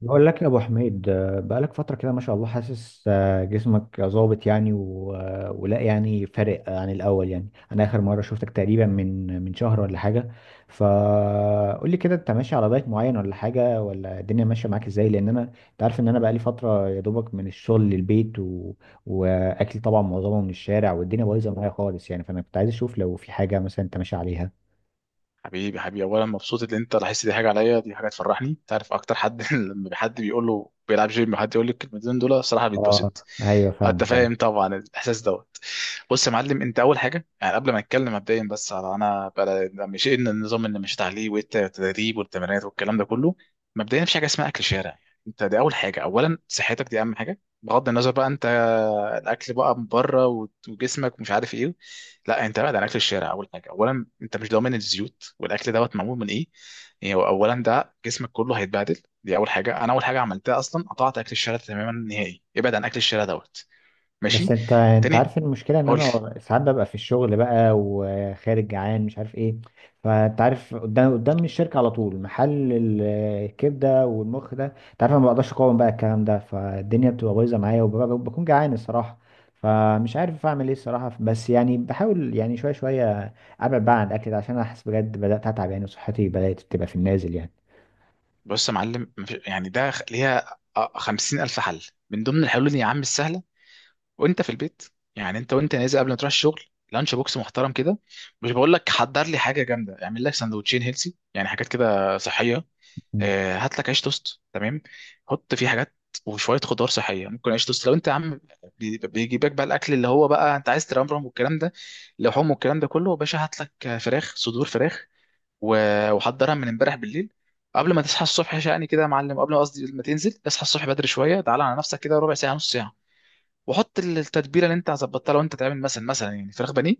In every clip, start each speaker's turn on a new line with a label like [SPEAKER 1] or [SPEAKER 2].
[SPEAKER 1] بقول لك يا ابو حميد، بقالك فتره كده ما شاء الله. حاسس جسمك ظابط يعني، ولا يعني فارق عن الاول؟ يعني انا اخر مره شفتك تقريبا من شهر ولا حاجه. فقول لي كده، انت ماشي على دايت معين ولا حاجه، ولا الدنيا ماشيه معاك ازاي؟ لان انت عارف ان انا بقالي فتره يا دوبك من الشغل للبيت واكل طبعا معظمه من الشارع والدنيا بايظه معايا خالص يعني، فانا كنت عايز اشوف لو في حاجه مثلا انت ماشي عليها.
[SPEAKER 2] حبيبي حبيبي، اولا مبسوط ان انت لاحظت. دي حاجه عليا، دي حاجه تفرحني. انت عارف اكتر حد لما حد بيقول له بيلعب جيم وحد يقول لك الكلمتين دول، الصراحه
[SPEAKER 1] اه،
[SPEAKER 2] بيتبسط.
[SPEAKER 1] ايوه
[SPEAKER 2] انت
[SPEAKER 1] فاهمك.
[SPEAKER 2] فاهم طبعا الاحساس دوت. بص يا معلم، انت اول حاجه يعني قبل ما نتكلم مبدئيا، بس على انا بقى مش ان النظام اللي مشيت عليه والتدريب والتمرينات والكلام ده كله. مبدئيا مفيش حاجه اسمها اكل شارع. انت دي اول حاجه، اولا صحتك دي اهم حاجه بغض النظر بقى انت. الاكل بقى من بره وجسمك مش عارف ايه. لا، انت بعد عن اكل الشارع اول حاجه. اولا انت مش ضامن الزيوت والاكل دوت معمول من ايه. يعني هو اولا ده جسمك كله هيتبهدل، دي اول حاجه. انا اول حاجه عملتها اصلا قطعت اكل الشارع تماما نهائي. ابعد عن اكل الشارع دوت.
[SPEAKER 1] بس
[SPEAKER 2] ماشي.
[SPEAKER 1] انت
[SPEAKER 2] تاني.
[SPEAKER 1] عارف المشكله ان
[SPEAKER 2] قول لي.
[SPEAKER 1] انا ساعات ببقى في الشغل بقى وخارج جعان مش عارف ايه. فانت عارف قدام الشركه على طول محل الكبده والمخ ده. انت عارف انا ما بقدرش اقاوم بقى الكلام ده، فالدنيا بتبقى بايظه معايا وبكون جعان الصراحه. فمش عارف اعمل ايه الصراحه، بس يعني بحاول يعني شويه شويه ابعد بقى عن الاكل ده، عشان انا حاسس بجد بدات اتعب يعني، وصحتي بدات تبقى في النازل يعني.
[SPEAKER 2] بص يا معلم، يعني ده ليها خمسين الف حل. من ضمن الحلول دي يا عم السهله، وانت في البيت. يعني انت وانت نازل قبل ما تروح الشغل، لانش بوكس محترم كده. مش بقول لك حضر لي حاجه جامده، اعمل لك سندوتشين هيلسي يعني حاجات كده صحيه. هات لك عيش توست تمام، حط فيه حاجات وشويه خضار صحيه. ممكن عيش توست لو انت يا عم بيجيبك بقى الاكل اللي هو بقى انت عايز ترمرم والكلام ده، لحوم والكلام ده كله. يا باشا هات لك فراخ، صدور فراخ، وحضرها من امبارح بالليل. قبل ما تصحى الصبح شقني كده يا معلم، قبل ما قصدي ما تنزل، اصحى الصبح بدري شويه، تعالى على نفسك كده ربع ساعه نص ساعه. وحط التتبيله اللي انت ظبطتها. لو انت تعمل مثلا يعني فراخ بانيه،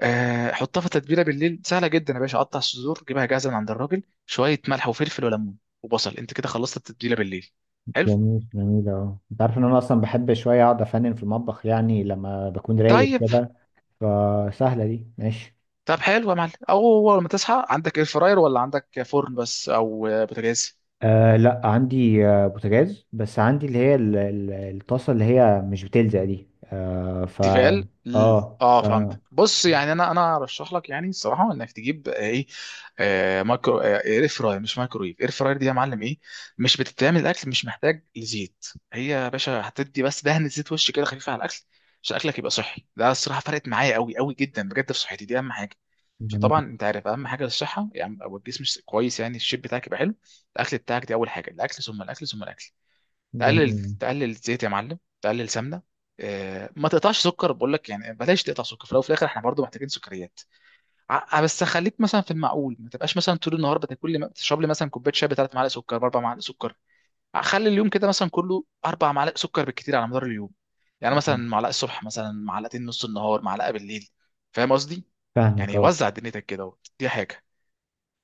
[SPEAKER 2] حطها في تتبيله بالليل. سهله جدا يا باشا، قطع الصدور جيبها جاهزه من عند الراجل، شويه ملح وفلفل وليمون وبصل، انت كده خلصت التتبيله بالليل. حلو.
[SPEAKER 1] جميل جميل. اه، انت عارف ان انا اصلا بحب شويه اقعد افنن في المطبخ يعني لما بكون رايق
[SPEAKER 2] طيب.
[SPEAKER 1] وكده. فسهلة دي ماشي.
[SPEAKER 2] طب حلو يا معلم. او اول ما تصحى، عندك اير فراير ولا عندك فرن بس، او بوتاجاز؟
[SPEAKER 1] آه لا، عندي بوتاجاز بس، عندي اللي هي الطاسة اللي هي مش بتلزق دي
[SPEAKER 2] تيفال
[SPEAKER 1] اه
[SPEAKER 2] اه،
[SPEAKER 1] ف...
[SPEAKER 2] فهمت. بص، يعني انا ارشح لك يعني الصراحه انك تجيب ايه، مايكرو، اير فراير، مش مايكرويف، اير فراير دي يا معلم، ايه، مش بتتعمل الاكل مش محتاج لزيت. هي يا باشا هتدي بس دهن زيت وش كده خفيف على الاكل عشان اكلك يبقى صحي. ده الصراحه فرقت معايا قوي قوي جدا بجد في صحتي، دي اهم حاجه. عشان
[SPEAKER 1] جميل
[SPEAKER 2] طبعا انت عارف اهم حاجه للصحه يعني، او الجسم كويس يعني، الشيب بتاعك يبقى حلو، الاكل بتاعك، دي اول حاجه. الاكل ثم الاكل ثم الاكل. تقلل،
[SPEAKER 1] جميل.
[SPEAKER 2] تقلل زيت يا معلم، تقلل سمنه. ما تقطعش سكر، بقول لك يعني بلاش تقطع سكر، في الاول وفي الاخر احنا برضو محتاجين سكريات. بس خليك مثلا في المعقول، ما تبقاش مثلا طول النهار بتاكل لي تشرب لي مثلا كوبايه شاي بثلاث معالق سكر باربع معالق سكر. خلي اليوم كده مثلا كله اربع معالق سكر بالكتير على مدار اليوم. يعني مثلا معلقه الصبح، مثلا معلقتين نص النهار، معلقه بالليل. فاهم قصدي؟
[SPEAKER 1] فاهمك
[SPEAKER 2] يعني
[SPEAKER 1] اه.
[SPEAKER 2] وزع دنيتك كده. دي حاجه.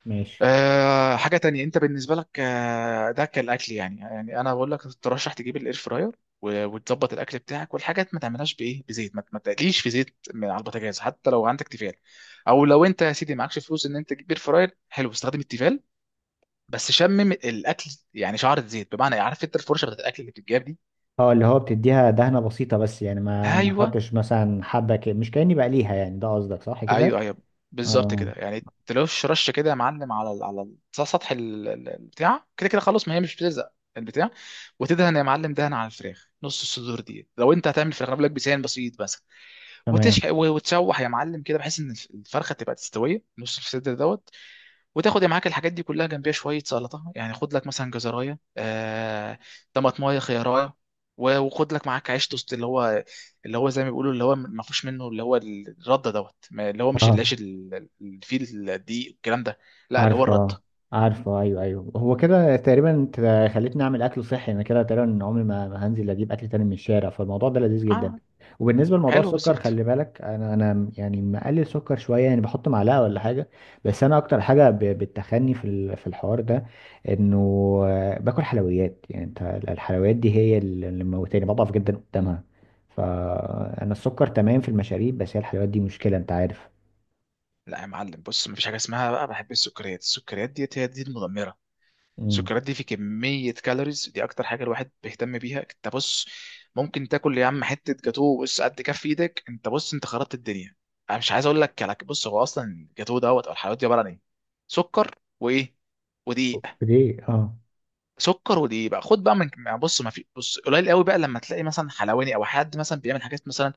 [SPEAKER 1] ماشي.
[SPEAKER 2] أه، حاجة تانية انت بالنسبة لك ده كالأكل. يعني يعني انا بقول لك ترشح تجيب الاير فراير وتظبط الاكل بتاعك والحاجات. ما تعملهاش بايه، بزيت، ما تقليش في زيت من على البوتاجاز حتى لو عندك تيفال. او لو انت يا سيدي معكش فلوس ان انت تجيب اير فراير حلو، استخدم التيفال، بس شمم الاكل يعني شعرة زيت. بمعنى إيه؟ عارف انت الفرشة بتاعت الاكل اللي بتتجاب دي؟
[SPEAKER 1] اه، اللي هو بتديها دهنة بسيطة بس، يعني ما
[SPEAKER 2] ايوه.
[SPEAKER 1] احطش مثلا حبة مش كأني بقليها يعني، ده قصدك صح كده؟
[SPEAKER 2] ايوه ايوه، بالظبط
[SPEAKER 1] اه.
[SPEAKER 2] كده. يعني تلوش رش كده يا معلم على على سطح البتاع كده كده. خلاص، ما هي مش بتلزق البتاع. وتدهن يا معلم دهن على الفراخ، نص الصدور دي لو انت هتعمل فراخ، أنا بقول لك بسان بسيط بس.
[SPEAKER 1] تمام.
[SPEAKER 2] وتشح وتشوح يا معلم كده بحيث ان الفرخه تبقى تستويه، نص الصدر دوت. وتاخد معاك الحاجات دي كلها، جنبيها شويه سلطه يعني، خد لك مثلا جزرايه طماطمايه، خيارايه، وخد لك معاك عيش توست. اللي هو اللي هو زي ما بيقولوا اللي هو ما فيهوش منه، اللي هو الرده دوت، اللي هو مش
[SPEAKER 1] اه.
[SPEAKER 2] العيش اللي فيه الدقيق والكلام ده. لا، اللي هو الرده.
[SPEAKER 1] عارفة. عارفة، أيوه أيوه، هو كده تقريبا. انت خليتني أعمل أكل صحي أنا، كده تقريبا عمري ما هنزل أجيب أكل تاني من الشارع، فالموضوع ده لذيذ جدا.
[SPEAKER 2] اه،
[SPEAKER 1] وبالنسبة لموضوع
[SPEAKER 2] حلو
[SPEAKER 1] السكر،
[SPEAKER 2] بالظبط.
[SPEAKER 1] خلي بالك أنا يعني مقلل سكر شوية، يعني بحط معلقة ولا حاجة. بس أنا أكتر حاجة بتخني في في الحوار ده، إنه باكل حلويات. يعني أنت، الحلويات دي هي اللي موتاني بضعف جدا قدامها. فأنا السكر تمام في المشاريب، بس هي الحلويات دي مشكلة أنت عارف.
[SPEAKER 2] لا يا معلم، بص، مفيش حاجه اسمها بقى بحب السكريات، السكريات ديت هي دي المدمره.
[SPEAKER 1] امم.
[SPEAKER 2] السكريات دي في كمية كالوريز، دي أكتر حاجة الواحد بيهتم بيها. أنت بص، ممكن تاكل يا عم حتة جاتوه بص قد كف إيدك. أنت بص، أنت خربت الدنيا. أنا مش عايز أقول لك. على بص، هو أصلا الجاتوه دوت أو الحلويات دي عبارة عن إيه؟ سكر وإيه؟ ودقيق.
[SPEAKER 1] ليه؟ اه.
[SPEAKER 2] سكر ودقيق. بقى خد بقى من، يعني بص ما في بص قليل قوي بقى لما تلاقي مثلا حلواني او حد مثلا بيعمل حاجات مثلا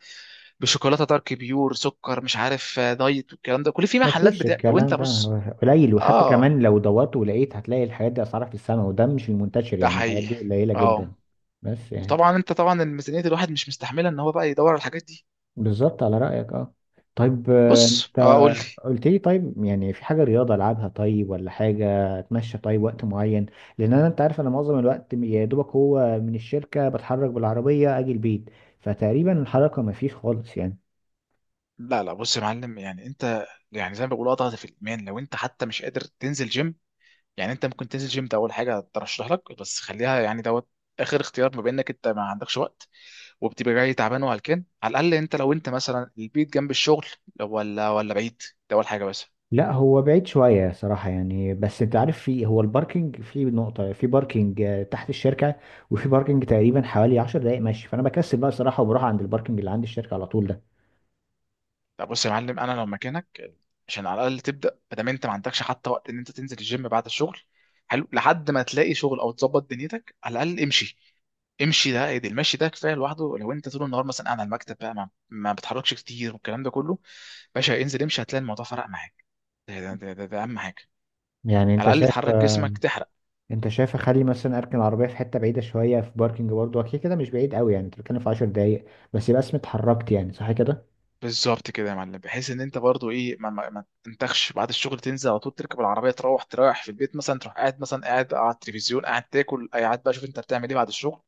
[SPEAKER 2] بشوكولاته دارك بيور سكر مش عارف دايت والكلام ده، كل في
[SPEAKER 1] ما
[SPEAKER 2] محلات
[SPEAKER 1] فيش
[SPEAKER 2] بتاع لو انت
[SPEAKER 1] الكلام ده
[SPEAKER 2] بص.
[SPEAKER 1] هو قليل، وحتى
[SPEAKER 2] اه،
[SPEAKER 1] كمان لو دورت ولقيت هتلاقي الحاجات دي اسعارها في السماء، وده مش المنتشر
[SPEAKER 2] ده
[SPEAKER 1] يعني، الحاجات
[SPEAKER 2] حقيقي.
[SPEAKER 1] دي قليلة جدا.
[SPEAKER 2] اه،
[SPEAKER 1] بس يعني.
[SPEAKER 2] وطبعا انت طبعا الميزانيه الواحد مش مستحمله ان هو بقى يدور على الحاجات دي.
[SPEAKER 1] بالظبط على رأيك اه. طيب،
[SPEAKER 2] بص،
[SPEAKER 1] انت
[SPEAKER 2] اه قول لي.
[SPEAKER 1] قلت لي طيب، يعني في حاجة رياضة العبها طيب ولا حاجة؟ اتمشى طيب وقت معين؟ لان انت عارف انا معظم الوقت يا دوبك هو من الشركة بتحرك بالعربية اجي البيت، فتقريبا الحركة ما فيش خالص يعني.
[SPEAKER 2] لا لا، بص يا معلم، يعني انت يعني زي ما بقول اضغط في الايمان. لو انت حتى مش قادر تنزل جيم يعني، انت ممكن تنزل جيم ده اول حاجه ترشح لك، بس خليها يعني دوت اخر اختيار، بما انك انت ما عندكش وقت وبتبقى جاي تعبان وهلكان. على الاقل انت، لو انت مثلا البيت جنب الشغل ولا بعيد، ده اول حاجه بس.
[SPEAKER 1] لا هو بعيد شوية صراحة يعني، بس انت عارف، في هو الباركينج، في نقطة في باركينج تحت الشركة، وفي باركينج تقريبا حوالي عشر دقايق ماشي، فانا بكسل بقى صراحة وبروح عند الباركينج اللي عند الشركة على طول ده.
[SPEAKER 2] لا، بص يا معلم انا لو مكانك، عشان على الاقل تبدا ادام انت ما عندكش حتى وقت ان انت تنزل الجيم بعد الشغل، حلو، لحد ما تلاقي شغل او تظبط دنيتك، على الاقل امشي. امشي ده ايه، ده المشي ده كفايه لوحده. لو انت طول النهار مثلا قاعد على المكتب بقى ما بتحركش كتير والكلام ده كله، باشا انزل امشي، هتلاقي الموضوع فرق معاك. ده اهم حاجه،
[SPEAKER 1] يعني
[SPEAKER 2] على الاقل تحرك جسمك، تحرك.
[SPEAKER 1] انت شايف اخلي مثلا اركن العربية في حتة بعيدة شوية في باركينج برضه، اكيد كده مش بعيد قوي يعني، انت بتتكلم في عشر دقايق، بس يبقى اسمي اتحركت يعني، صح كده؟
[SPEAKER 2] بالظبط كده يا معلم، بحيث ان انت برضو ايه ما تنتخش بعد الشغل، تنزل على طول تركب العربيه تروح تريح في البيت، مثلا تروح قاعد، مثلا قاعد على التلفزيون، قاعد تاكل، أي قاعد بقى شوف انت بتعمل ايه بعد الشغل.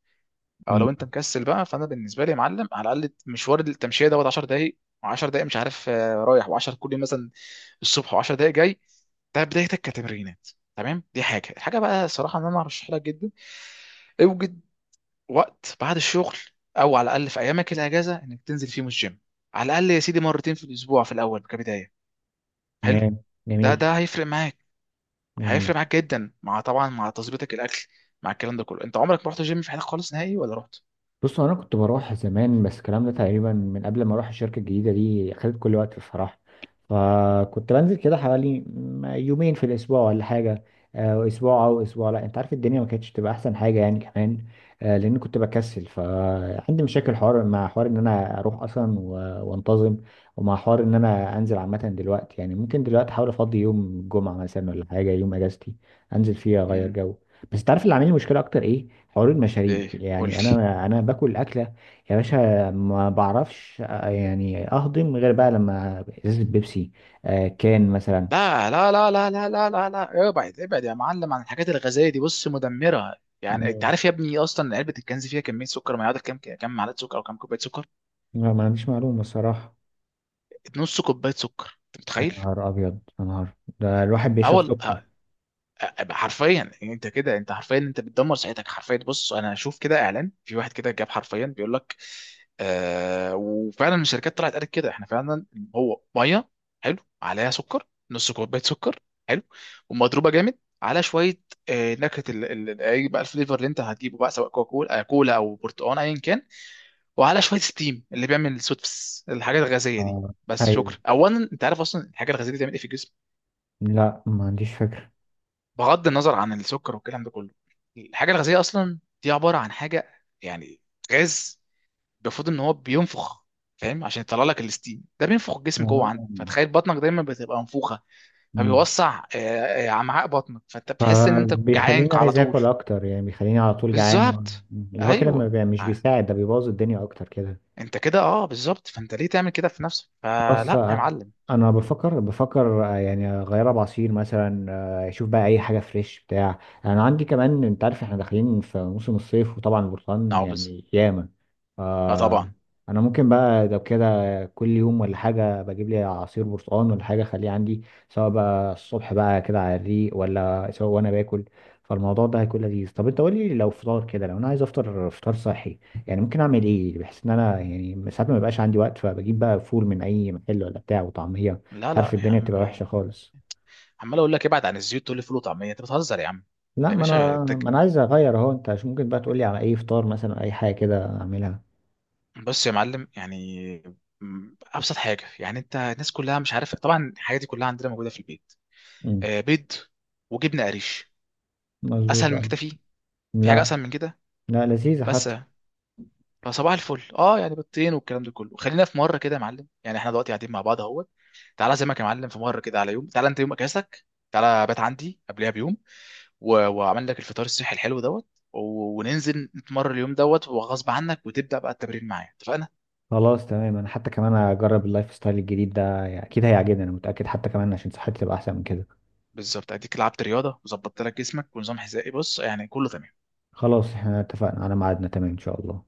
[SPEAKER 2] او
[SPEAKER 1] مم،
[SPEAKER 2] لو انت مكسل بقى، فانا بالنسبه لي يا معلم على الاقل مشوار التمشيه دوت 10 دقائق و10 دقائق، مش عارف رايح و10 كل يوم مثلا الصبح، و10 دقائق جاي. ده بدايتك كتمرينات، تمام. دي حاجه. الحاجه بقى الصراحه ان انا ارشح لك جدا، اوجد وقت بعد الشغل، او على الاقل في ايامك الاجازه انك تنزل فيهم الجيم، على الاقل يا سيدي مرتين في الاسبوع في الاول كبدايه. حلو.
[SPEAKER 1] تمام
[SPEAKER 2] ده
[SPEAKER 1] جميل.
[SPEAKER 2] ده هيفرق معاك،
[SPEAKER 1] جميل.
[SPEAKER 2] هيفرق معاك جدا، مع طبعا مع تظبيطك الاكل، مع الكلام ده كله. انت عمرك ما رحت جيم في حياتك خالص نهائي ولا رحت؟
[SPEAKER 1] بص انا كنت بروح زمان، بس الكلام ده تقريبا من قبل ما اروح الشركه الجديده دي خدت كل وقت بصراحه، فكنت بنزل كده حوالي يومين في الاسبوع ولا حاجه، اسبوع او اسبوع لا، انت عارف الدنيا ما كانتش تبقى احسن حاجه يعني كمان، لان كنت بكسل، فعندي مشاكل، حوار مع حوار ان انا اروح اصلا وانتظم، ومع حوار ان انا انزل عامه. دلوقتي يعني ممكن دلوقتي احاول افضي يوم جمعه مثلا ولا حاجه يوم اجازتي، انزل فيه اغير
[SPEAKER 2] امم.
[SPEAKER 1] جو. بس تعرف اللي عامل لي مشكله اكتر ايه؟ حوار المشاريب،
[SPEAKER 2] ايه قول
[SPEAKER 1] يعني
[SPEAKER 2] لي.
[SPEAKER 1] انا باكل الاكله يا باشا، ما بعرفش يعني اهضم غير بقى لما ازازه بيبسي، كان مثلا.
[SPEAKER 2] لا لا لا لا لا لا لا لا، ابعد ابعد يا معلم عن الحاجات الغازيه دي، بص، مدمره. يعني انت
[SPEAKER 1] مم.
[SPEAKER 2] عارف يا ابني اصلا علبه الكنز فيها كميه سكر ما يعادل كام، كام معلقه سكر او كام كوبايه سكر؟
[SPEAKER 1] لا ما عنديش معلومه الصراحه.
[SPEAKER 2] نص كوبايه سكر، انت
[SPEAKER 1] يا
[SPEAKER 2] متخيل؟
[SPEAKER 1] نهار ابيض يا نهار، ده الواحد بيشرب
[SPEAKER 2] اول،
[SPEAKER 1] سكر.
[SPEAKER 2] حرفيا، يعني انت كده انت حرفيا انت بتدمر صحتك حرفيا. بص، انا اشوف كده اعلان في واحد كده جاب حرفيا بيقول لك، وفعلا الشركات طلعت قالت كده، احنا فعلا هو ميه حلو عليها سكر، نص كوبايه سكر حلو، ومضروبه جامد على شويه نكهه اي بقى الفليفر اللي انت هتجيبه بقى، سواء كوكا كولا كولا او برتقال، ايا كان. وعلى شويه ستيم اللي بيعمل السوتفس الحاجات الغازيه دي.
[SPEAKER 1] آه.
[SPEAKER 2] بس
[SPEAKER 1] ايوه.
[SPEAKER 2] شكرا. اولا، انت عارف اصلا الحاجه الغازيه دي بتعمل ايه في الجسم،
[SPEAKER 1] لا ما عنديش فكره.
[SPEAKER 2] بغض النظر عن السكر والكلام ده كله؟ الحاجه الغازيه اصلا دي عباره عن حاجه يعني غاز، المفروض ان هو بينفخ، فاهم؟ عشان يطلع لك الستيم، ده بينفخ الجسم جوه
[SPEAKER 1] آه.
[SPEAKER 2] عندك، فتخيل بطنك دايما بتبقى منفوخه،
[SPEAKER 1] مم.
[SPEAKER 2] فبيوسع امعاء بطنك، فانت بتحس ان انت جعان
[SPEAKER 1] فبيخليني
[SPEAKER 2] على
[SPEAKER 1] عايز
[SPEAKER 2] طول.
[SPEAKER 1] اكل اكتر، يعني بيخليني على طول جعان
[SPEAKER 2] بالظبط.
[SPEAKER 1] اللي هو كده ما
[SPEAKER 2] ايوه.
[SPEAKER 1] بي- مش
[SPEAKER 2] آه.
[SPEAKER 1] بيساعد، ده بيبوظ الدنيا اكتر كده.
[SPEAKER 2] انت كده اه بالظبط، فانت ليه تعمل كده في نفسك؟
[SPEAKER 1] خلاص،
[SPEAKER 2] فلا يا معلم.
[SPEAKER 1] انا بفكر يعني اغيرها بعصير مثلا، اشوف بقى اي حاجه فريش بتاع. انا عندي كمان، انت عارف احنا داخلين في موسم الصيف وطبعا البرتقال
[SPEAKER 2] اه بز.
[SPEAKER 1] يعني ياما.
[SPEAKER 2] اه
[SPEAKER 1] آه،
[SPEAKER 2] طبعا.
[SPEAKER 1] انا ممكن بقى لو كده كل يوم ولا حاجه بجيب لي عصير برتقال ولا حاجه اخليه عندي، سواء بقى الصبح بقى كده على الريق، ولا سواء وانا باكل، فالموضوع ده هيكون لذيذ. طب انت قول لي لو فطار كده، لو انا عايز افطر فطار صحي، يعني ممكن اعمل ايه؟ بحيث ان انا يعني ساعات ما بيبقاش عندي وقت، فبجيب بقى فول من اي محل ولا بتاع وطعميه،
[SPEAKER 2] لا
[SPEAKER 1] انت عارف
[SPEAKER 2] لا يا
[SPEAKER 1] الدنيا
[SPEAKER 2] عم
[SPEAKER 1] بتبقى وحشه
[SPEAKER 2] بقى،
[SPEAKER 1] خالص.
[SPEAKER 2] عمال اقول لك ابعد عن الزيوت تقول لي فول وطعميه، انت بتهزر يا عم.
[SPEAKER 1] لا
[SPEAKER 2] يا
[SPEAKER 1] ما
[SPEAKER 2] باشا
[SPEAKER 1] انا
[SPEAKER 2] انت،
[SPEAKER 1] ما انا عايز اغير اهو، انت عشان ممكن بقى تقولي على اي فطار مثلا، اي حاجه كده اعملها.
[SPEAKER 2] بص يا معلم يعني، ابسط حاجه يعني. انت الناس كلها مش عارف طبعا الحاجات دي كلها عندنا موجوده في البيت:
[SPEAKER 1] امم.
[SPEAKER 2] بيض وجبنه قريش.
[SPEAKER 1] مظبوط
[SPEAKER 2] اسهل من
[SPEAKER 1] اه.
[SPEAKER 2] كده فيه؟ في حاجه
[SPEAKER 1] لا.
[SPEAKER 2] اسهل من كده؟
[SPEAKER 1] لا لذيذه
[SPEAKER 2] بس.
[SPEAKER 1] حتى.
[SPEAKER 2] فصباح الفل اه، يعني بيضتين والكلام ده كله. خلينا في مره كده يا معلم، يعني احنا دلوقتي قاعدين مع بعض اهوت، تعالى زي ما يا معلم في مره كده على يوم، تعالى انت يوم اجازتك، تعالى بات عندي قبلها بيوم، واعمل لك الفطار الصحي الحلو دوت، و... وننزل نتمرن اليوم دوت وغصب عنك، وتبدا بقى التمرين معايا، اتفقنا؟
[SPEAKER 1] خلاص تمام، انا حتى كمان اجرب اللايف ستايل الجديد ده، يعني اكيد هيعجبني انا متاكد، حتى كمان عشان صحتي تبقى احسن من كده.
[SPEAKER 2] بالظبط، اديك لعبت رياضه وظبطت لك جسمك ونظام غذائي، بص يعني كله تمام.
[SPEAKER 1] خلاص احنا اتفقنا على ميعادنا، تمام ان شاء الله.